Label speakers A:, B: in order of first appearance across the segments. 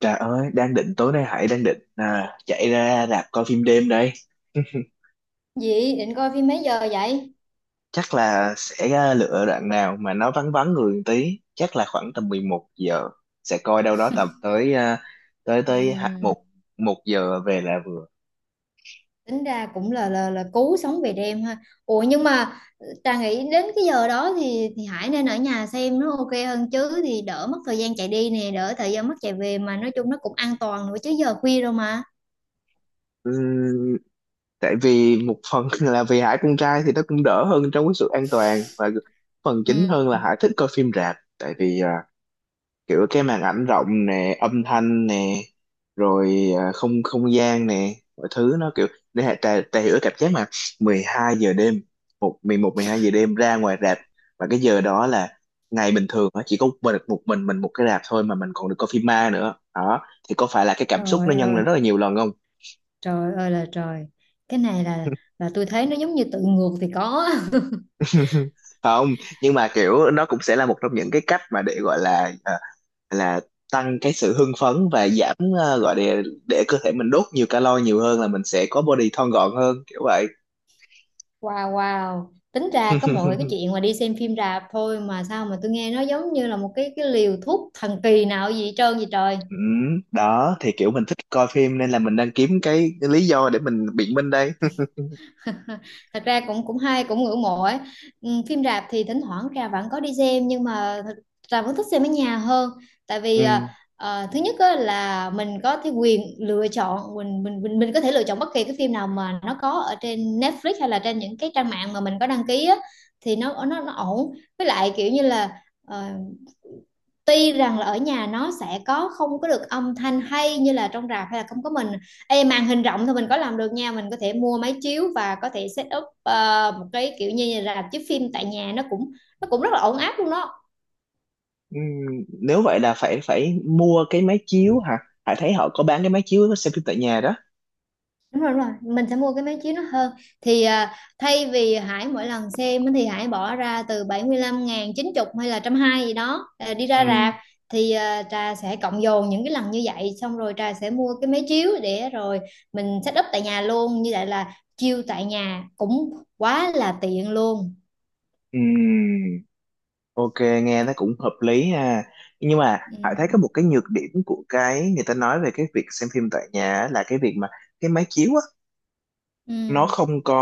A: Trời ơi, đang định tối nay Hải đang định chạy ra rạp coi phim đêm đây.
B: Dị định coi phim mấy giờ vậy?
A: Chắc là sẽ lựa đoạn nào mà nó vắng vắng người một tí, chắc là khoảng tầm 11 giờ sẽ coi đâu đó tầm tới à, tới tới hạ-
B: Ừm,
A: một một giờ về là vừa.
B: tính ra cũng là cứu sống về đêm ha. Ủa nhưng mà Trà nghĩ đến cái giờ đó thì Hải nên ở nhà xem nó ok hơn chứ, thì đỡ mất thời gian chạy đi nè, đỡ thời gian mất chạy về, mà nói chung nó cũng an toàn nữa chứ giờ khuya rồi mà.
A: Ừ, tại vì một phần là vì Hải con trai thì nó cũng đỡ hơn trong cái sự an toàn, và phần
B: Ừ.
A: chính hơn là Hải thích coi phim rạp tại vì kiểu cái màn ảnh rộng nè, âm thanh nè, rồi à, không không gian nè, mọi thứ nó kiểu để tà hiểu cái cảm giác mà 12 giờ đêm, 11 12 giờ đêm ra ngoài rạp, và cái giờ đó là ngày bình thường á, chỉ có một mình một cái rạp thôi, mà mình còn được coi phim ma nữa đó, thì có phải là cái cảm xúc
B: Trời
A: nó nhân
B: ơi,
A: lên rất là nhiều lần không?
B: trời ơi là trời. Cái này là tôi thấy nó giống như tự ngược thì có.
A: Không, nhưng mà kiểu nó cũng sẽ là một trong những cái cách mà để gọi là ờ, là tăng cái sự hưng phấn, và giảm, gọi để cơ thể mình đốt nhiều calo nhiều hơn, là mình sẽ có body thon gọn hơn, kiểu vậy.
B: Wow, wow. Tính ra có mọi cái chuyện mà đi xem phim rạp thôi mà sao mà tôi nghe nó giống như là một cái liều thuốc thần kỳ nào gì hết trơn vậy trời.
A: Ừ, đó thì kiểu mình thích coi phim nên là mình đang kiếm cái lý do để mình biện minh đây.
B: Thật ra cũng cũng hay cũng ngưỡng mộ ấy. Ừ, phim rạp thì thỉnh thoảng trà vẫn có đi xem, nhưng mà thật, trà vẫn thích xem ở nhà hơn. Tại vì
A: Ừ.
B: thứ nhất á, là mình có cái quyền lựa chọn, mình mình có thể lựa chọn bất kỳ cái phim nào mà nó có ở trên Netflix hay là trên những cái trang mạng mà mình có đăng ký á, thì nó nó ổn. Với lại kiểu như là ờ, tuy rằng là ở nhà nó sẽ có không có được âm thanh hay như là trong rạp, hay là không có mình. Ê, màn hình rộng thì mình có làm được nha, mình có thể mua máy chiếu và có thể set up một cái kiểu như là chiếu phim tại nhà, nó cũng rất là ổn áp luôn đó.
A: Ừ, nếu vậy là phải phải mua cái máy chiếu hả? Hải thấy họ có bán cái máy chiếu xem phim tại nhà đó.
B: Đúng rồi, đúng rồi, mình sẽ mua cái máy chiếu nó hơn. Thì thay vì Hải mỗi lần xem thì Hải bỏ ra từ 75.000, 90 hay là 120 gì đó đi ra
A: Ừ.
B: rạp, thì Trà sẽ cộng dồn những cái lần như vậy, xong rồi Trà sẽ mua cái máy chiếu để rồi mình set up tại nhà luôn. Như vậy là chiêu tại nhà cũng quá là tiện luôn.
A: Ừ. Ok, nghe nó cũng hợp lý ha. Nhưng mà
B: Ừ.
A: Hải thấy có một cái nhược điểm của cái người ta nói về cái việc xem phim tại nhà á, là cái việc mà cái máy chiếu á,
B: Ừ.
A: nó không có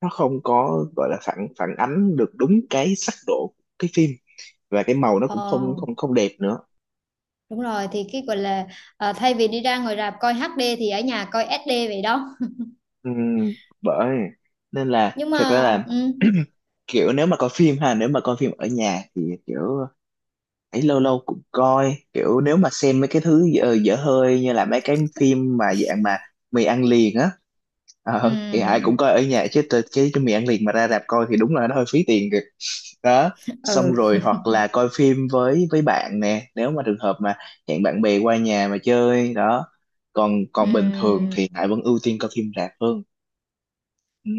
A: nó không có gọi là phản phản ánh được đúng cái sắc độ của cái phim, và cái màu nó
B: Ờ,
A: cũng không không không đẹp nữa.
B: đúng rồi, thì cái gọi là thay vì đi ra ngoài rạp coi HD thì ở nhà coi SD vậy đó.
A: Ừm, Bởi nên là
B: Nhưng
A: thật ra
B: mà
A: là,
B: ừ.
A: kiểu nếu mà coi phim ở nhà thì kiểu ấy lâu lâu cũng coi, kiểu nếu mà xem mấy cái thứ dở, dở hơi, như là mấy cái phim mà dạng mà mì ăn liền á, thì ai cũng
B: Ừ
A: coi ở nhà, chứ cái mì ăn liền mà ra rạp coi thì đúng là nó hơi phí tiền kìa. Đó,
B: ừ,
A: xong rồi hoặc là coi phim với bạn nè, nếu mà trường hợp mà hẹn bạn bè qua nhà mà chơi đó, còn
B: ừ.
A: còn bình thường thì Hải vẫn ưu tiên coi phim rạp hơn.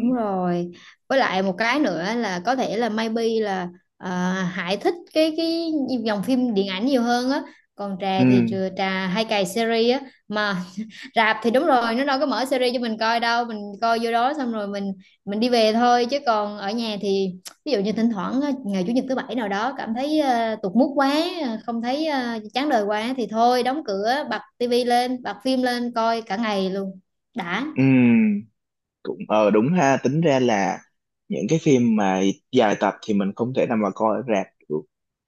B: Đúng rồi. Với lại một cái nữa là có thể là maybe là Hải thích cái dòng phim điện ảnh nhiều hơn á. Còn Trà thì
A: Ừ.
B: Trà hay cày series á mà. Rạp thì đúng rồi, nó đâu có mở series cho mình coi đâu, mình coi vô đó xong rồi mình đi về thôi. Chứ còn ở nhà thì ví dụ như thỉnh thoảng á, ngày chủ nhật thứ bảy nào đó cảm thấy tụt mood quá, không thấy, chán đời quá, thì thôi đóng cửa bật tivi lên, bật phim lên coi cả ngày luôn, đã.
A: Ừ. Cũng đúng ha, tính ra là những cái phim mà dài tập thì mình không thể nào mà coi ở rạp được,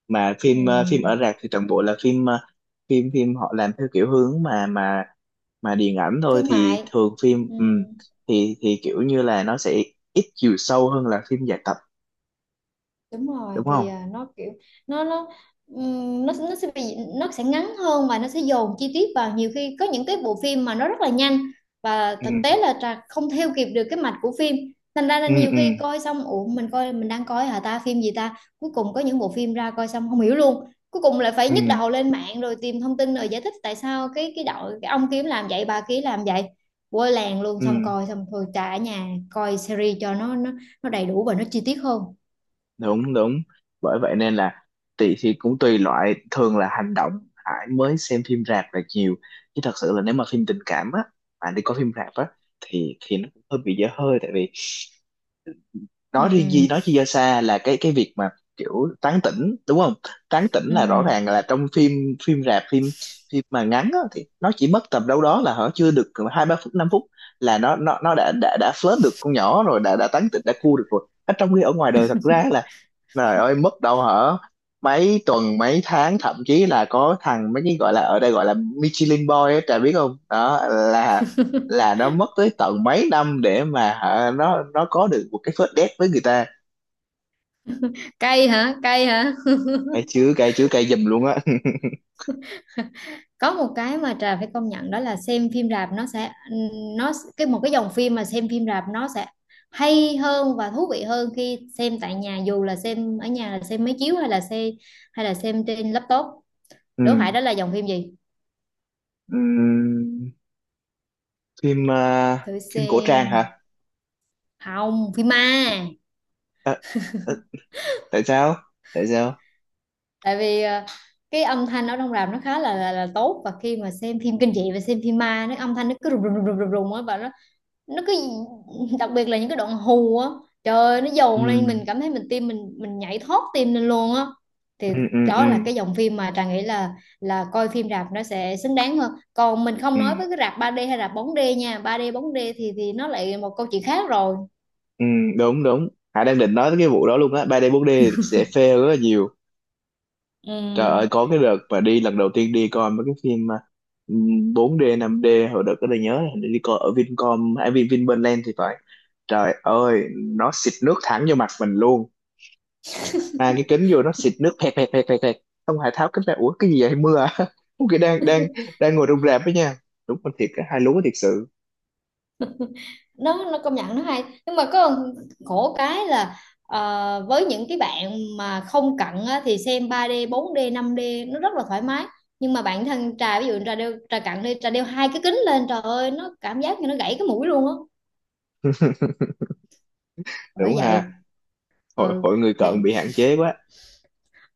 A: mà
B: Ừ.
A: phim, phim ở rạp thì toàn bộ là phim ờ, phim phim họ làm theo kiểu hướng mà mà điện ảnh thôi,
B: Thương
A: thì
B: mại.
A: thường phim,
B: Ừ,
A: thì kiểu như là nó sẽ ít chiều sâu hơn là phim dài tập,
B: đúng rồi,
A: đúng
B: thì
A: không?
B: nó kiểu nó nó sẽ bị nó sẽ ngắn hơn, và nó sẽ dồn chi tiết vào. Nhiều khi có những cái bộ phim mà nó rất là nhanh, và
A: Ừ.
B: thực tế là Trà không theo kịp được cái mạch của phim. Thành ra là
A: Ừ.
B: nhiều
A: Ừ.
B: khi coi xong, ủa mình coi, mình đang coi hả ta, phim gì ta. Cuối cùng có những bộ phim ra coi xong không hiểu luôn, cuối cùng lại phải
A: Ừ.
B: nhức đầu lên mạng rồi tìm thông tin rồi giải thích tại sao cái đội, cái ông kiếm làm vậy, bà kia làm vậy, quơ làng luôn.
A: Ừ.
B: Xong coi xong, thôi trả ở nhà coi series cho nó nó đầy đủ và nó chi tiết hơn.
A: Đúng, đúng. Bởi vậy nên là tùy, thì cũng tùy loại, thường là hành động Hải mới xem phim rạp là nhiều, chứ thật sự là nếu mà phim tình cảm á, mà đi coi phim rạp á, thì nó cũng hơi bị dở hơi, tại vì
B: Ừ,
A: nói riêng gì, nói chi do xa là cái việc mà kiểu tán tỉnh, đúng không? Tán tỉnh
B: ừ.
A: là rõ ràng là trong phim, phim rạp, phim phim mà ngắn á, thì nó chỉ mất tầm đâu đó là hở chưa được 2 3 phút, 5 phút, là nó đã flirt được con nhỏ rồi, đã tán tỉnh, đã cua được rồi, ở trong khi ở ngoài đời thật ra là, trời ơi, mất đâu hả? Mấy tuần, mấy tháng, thậm chí là có thằng, mấy cái gọi là ở đây gọi là Michelin Boy á, trời biết không? Đó là là nó mất tới tận mấy năm để mà hả, nó có được một cái first date với người ta.
B: Cay hả, cay hả?
A: Cay chứ, cay chứ, cay giùm luôn á.
B: Có một cái mà Trà phải công nhận, đó là xem phim rạp nó sẽ nó một cái dòng phim mà xem phim rạp nó sẽ hay hơn và thú vị hơn khi xem tại nhà, dù là xem ở nhà là xem máy chiếu hay là xem, hay là xem trên laptop. Đố
A: Ừ.
B: Hải đó là dòng phim gì,
A: Ừ. Phim ờ,
B: thử
A: phim cổ trang
B: xem.
A: hả?
B: Không, phim ma.
A: Ờ, ờ, tại sao? Tại sao?
B: Tại vì cái âm thanh ở trong rạp nó khá là là tốt, và khi mà xem phim kinh dị và xem phim ma, nó âm thanh nó cứ rùng rùng rùng rùng rùng á, và nó cứ đặc biệt là những cái đoạn hù á, trời ơi, nó
A: Ừ.
B: dồn lên, mình cảm thấy mình tim mình nhảy thót tim lên luôn á. Thì
A: Ừ ừ ừ.
B: đó là cái dòng phim mà Trà nghĩ là coi phim rạp nó sẽ xứng đáng hơn. Còn mình không
A: Ừ.
B: nói với cái rạp 3D hay rạp 4D nha, 3D 4D thì nó lại một câu chuyện khác rồi.
A: Ừ, đúng đúng. Hải đang định nói tới cái vụ đó luôn á, 3D 4D sẽ fail rất là nhiều.
B: Ừ.
A: Trời ơi, có cái đợt mà đi lần đầu tiên đi coi mấy cái phim mà, ừm, 4D 5D, hồi đợt đó tôi nhớ là hình như đi coi ở Vincom hay Vinpearl thì phải, trời ơi nó xịt nước thẳng vô mặt mình luôn, mang cái kính vô nó xịt nước pẹt pẹt pẹt pẹt pẹt, xong Hải tháo kính ra, ủa cái gì vậy, mưa à? Ủa, cái đang đang đang ngồi trong rạp đó nha, đúng con thiệt, cái hai lúa thiệt sự.
B: nó công nhận nó hay, nhưng mà có khổ cái là với những cái bạn mà không cận á, thì xem 3D 4D 5D nó rất là thoải mái. Nhưng mà bản thân trà, ví dụ trà đeo, trà cận đi, trà đeo hai cái kính lên, trời ơi nó cảm giác như nó gãy cái mũi luôn á. Bởi
A: Đúng ha,
B: vậy.
A: hội
B: Ừ.
A: hội người
B: Nè.
A: cận bị hạn chế quá.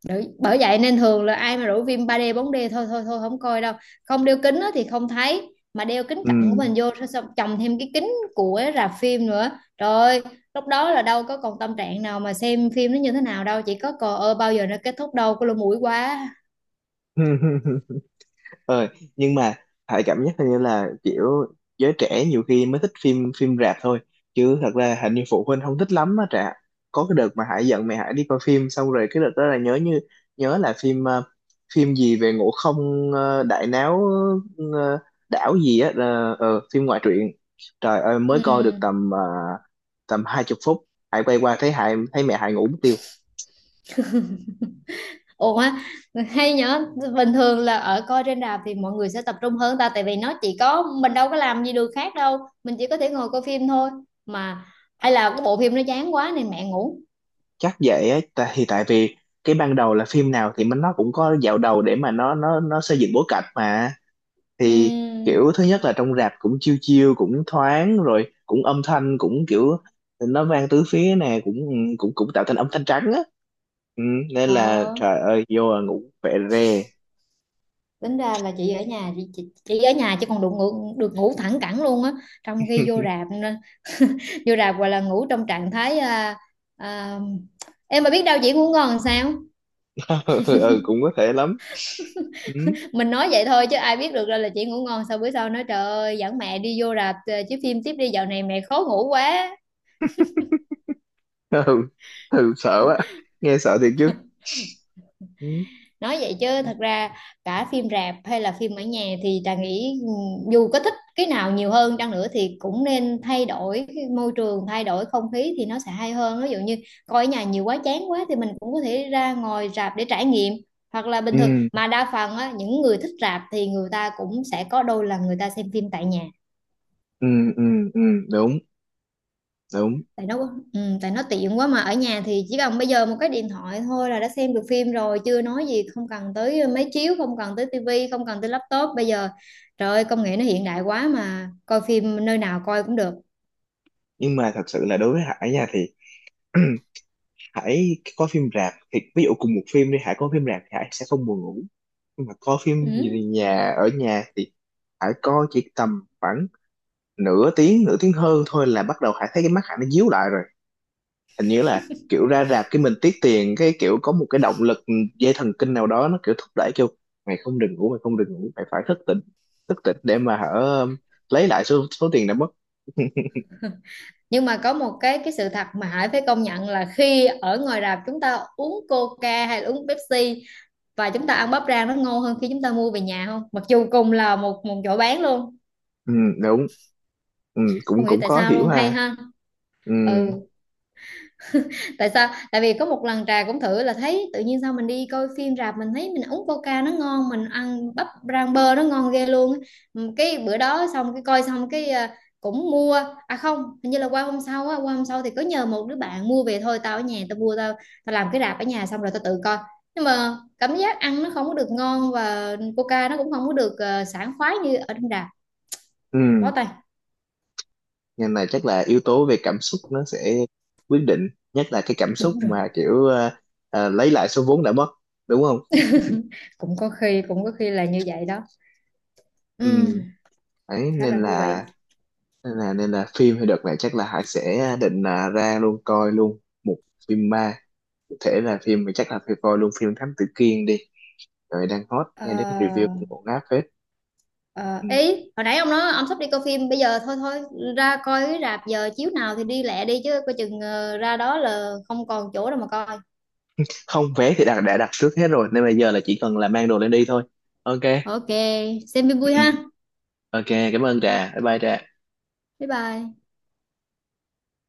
B: Đấy, bởi vậy nên thường là ai mà rủ phim 3D 4D, thôi thôi thôi không coi đâu. Không đeo kính á thì không thấy, mà đeo kính
A: Ừ.
B: cận của mình vô, xong xong chồng thêm cái kính của rạp phim nữa, trời ơi, lúc đó là đâu có còn tâm trạng nào mà xem phim nó như thế nào đâu, chỉ có cò ơ bao giờ nó kết thúc, đâu có lỗ mũi quá.
A: Ờ, nhưng mà Hải cảm giác hình như là kiểu giới trẻ nhiều khi mới thích phim phim rạp thôi, chứ thật ra hình như phụ huynh không thích lắm á Trạ có cái đợt mà Hải giận mẹ Hải đi coi phim, xong rồi cái đợt đó là nhớ là phim, phim gì về Ngộ Không, đại náo, ờ, đảo gì á, phim ngoại truyện. Trời ơi
B: Ừ.
A: mới coi được tầm 20 phút, Hải quay qua, thấy mẹ Hải ngủ mất tiêu.
B: Ủa. Á, hay nhở. Bình thường là ở coi trên rạp thì mọi người sẽ tập trung hơn ta, tại vì nó chỉ có mình, đâu có làm gì được khác đâu, mình chỉ có thể ngồi coi phim thôi mà. Hay là cái bộ phim nó chán quá nên mẹ ngủ.
A: Chắc vậy á, tại vì cái ban đầu là phim nào thì mình nó cũng có dạo đầu để mà nó xây dựng bối cảnh mà, thì
B: Ừ.
A: kiểu thứ nhất là trong rạp cũng chiêu chiêu cũng thoáng rồi, cũng âm thanh cũng kiểu nó vang tứ phía nè, cũng ừ, cũng cũng tạo thành âm thanh trắng á, ừ, nên là
B: Ờ,
A: trời ơi vô là ngủ phệ re.
B: tính ra là chị ở nhà chị, chị ở nhà chứ còn được ngủ, được ngủ thẳng cẳng luôn á, trong khi vô rạp nữa. Vô rạp gọi là ngủ trong trạng thái à, em mà biết đâu chị ngủ ngon làm sao.
A: Ừ cũng có thể lắm. Ừ.
B: Mình nói vậy thôi chứ ai biết được, ra là chị ngủ ngon. Sao bữa sau nói trời ơi, dẫn mẹ đi vô rạp chiếu phim tiếp đi, dạo này mẹ khó ngủ quá.
A: Ừ. Ừ sợ quá, nghe sợ thiệt chứ. Ừ.
B: Nói vậy chứ thật ra cả phim rạp hay là phim ở nhà thì Trà nghĩ dù có thích cái nào nhiều hơn chăng nữa thì cũng nên thay đổi cái môi trường, thay đổi không khí thì nó sẽ hay hơn. Ví dụ như coi ở nhà nhiều quá, chán quá thì mình cũng có thể ra ngồi rạp để trải nghiệm. Hoặc là bình thường
A: Ừ.
B: mà đa phần á, những người thích rạp thì người ta cũng sẽ có đôi lần người ta xem phim tại nhà.
A: Ừ. Ừ. Ừ, đúng đúng.
B: Tại nó, ừ, tại nó tiện quá mà. Ở nhà thì chỉ cần bây giờ một cái điện thoại thôi là đã xem được phim rồi, chưa nói gì không cần tới máy chiếu, không cần tới tivi, không cần tới laptop. Bây giờ trời ơi, công nghệ nó hiện đại quá, mà coi phim nơi nào coi cũng được.
A: Nhưng mà thật sự là đối với Hải nha, thì Hải có phim rạp thì ví dụ cùng một phim đi, Hải có phim rạp thì Hải sẽ không buồn ngủ, nhưng mà coi phim
B: Ừ.
A: gì nhà, ở nhà thì Hải coi chỉ tầm khoảng nửa tiếng, nửa tiếng hơn thôi là bắt đầu Hải thấy cái mắt Hải nó díu lại rồi. Hình như là kiểu ra rạp cái mình tiếc tiền, cái kiểu có một cái động lực, dây thần kinh nào đó nó kiểu thúc đẩy, kêu mày không được ngủ, mày không được ngủ, mày phải thức tỉnh, thức tỉnh để mà hở, lấy lại số số tiền đã mất.
B: Nhưng mà có một cái sự thật mà Hải phải công nhận là khi ở ngoài rạp chúng ta uống Coca hay là uống Pepsi và chúng ta ăn bắp rang, nó ngon hơn khi chúng ta mua về nhà, không? Mặc dù cùng là một một chỗ bán luôn.
A: Ừ, đúng. Ừ, cũng
B: Không hiểu
A: cũng
B: tại
A: khó
B: sao
A: hiểu
B: luôn, hay
A: ha.
B: ha.
A: Ừ.
B: Ừ. Tại sao, tại vì có một lần trà cũng thử, là thấy tự nhiên sao mình đi coi phim rạp mình thấy mình uống coca nó ngon, mình ăn bắp rang bơ nó ngon ghê luôn á. Ừ, cái bữa đó xong, cái coi xong cái cũng mua, không hình như là qua hôm sau á, qua hôm sau thì có nhờ một đứa bạn mua về, thôi tao ở nhà tao mua, tao tao làm cái rạp ở nhà xong rồi tao tự coi. Nhưng mà cảm giác ăn nó không có được ngon, và coca nó cũng không có được sảng khoái như ở trong rạp. Bó
A: Ừ.
B: tay.
A: Ngành này chắc là yếu tố về cảm xúc nó sẽ quyết định, nhất là cái cảm xúc
B: Đúng rồi.
A: mà kiểu, lấy lại số vốn đã mất, đúng không?
B: Cũng có khi là như vậy đó.
A: Ừ.
B: Ừ.
A: Đấy,
B: Khá là thú vị.
A: nên là phim thì đợt này chắc là Hải sẽ định là ra luôn coi luôn một phim ma. Có thể là phim thì chắc là phải coi luôn phim Thám Tử Kiên đi, rồi đang hot,
B: Ờ,
A: nghe đến review cũng ổn ngáp phết.
B: ờ,
A: Ừ.
B: ý hồi nãy ông nói ông sắp đi coi phim bây giờ, thôi thôi, ra coi cái rạp giờ chiếu nào thì đi lẹ đi, chứ coi chừng ra đó là không còn chỗ đâu mà coi.
A: Không, vé thì đã đặt trước hết rồi, nên bây giờ là chỉ cần là mang đồ lên đi thôi. Ok.
B: Ok, xem phim
A: Ừ.
B: vui ha.
A: Ok, cảm ơn Trà, bye bye Trà.
B: Bye bye.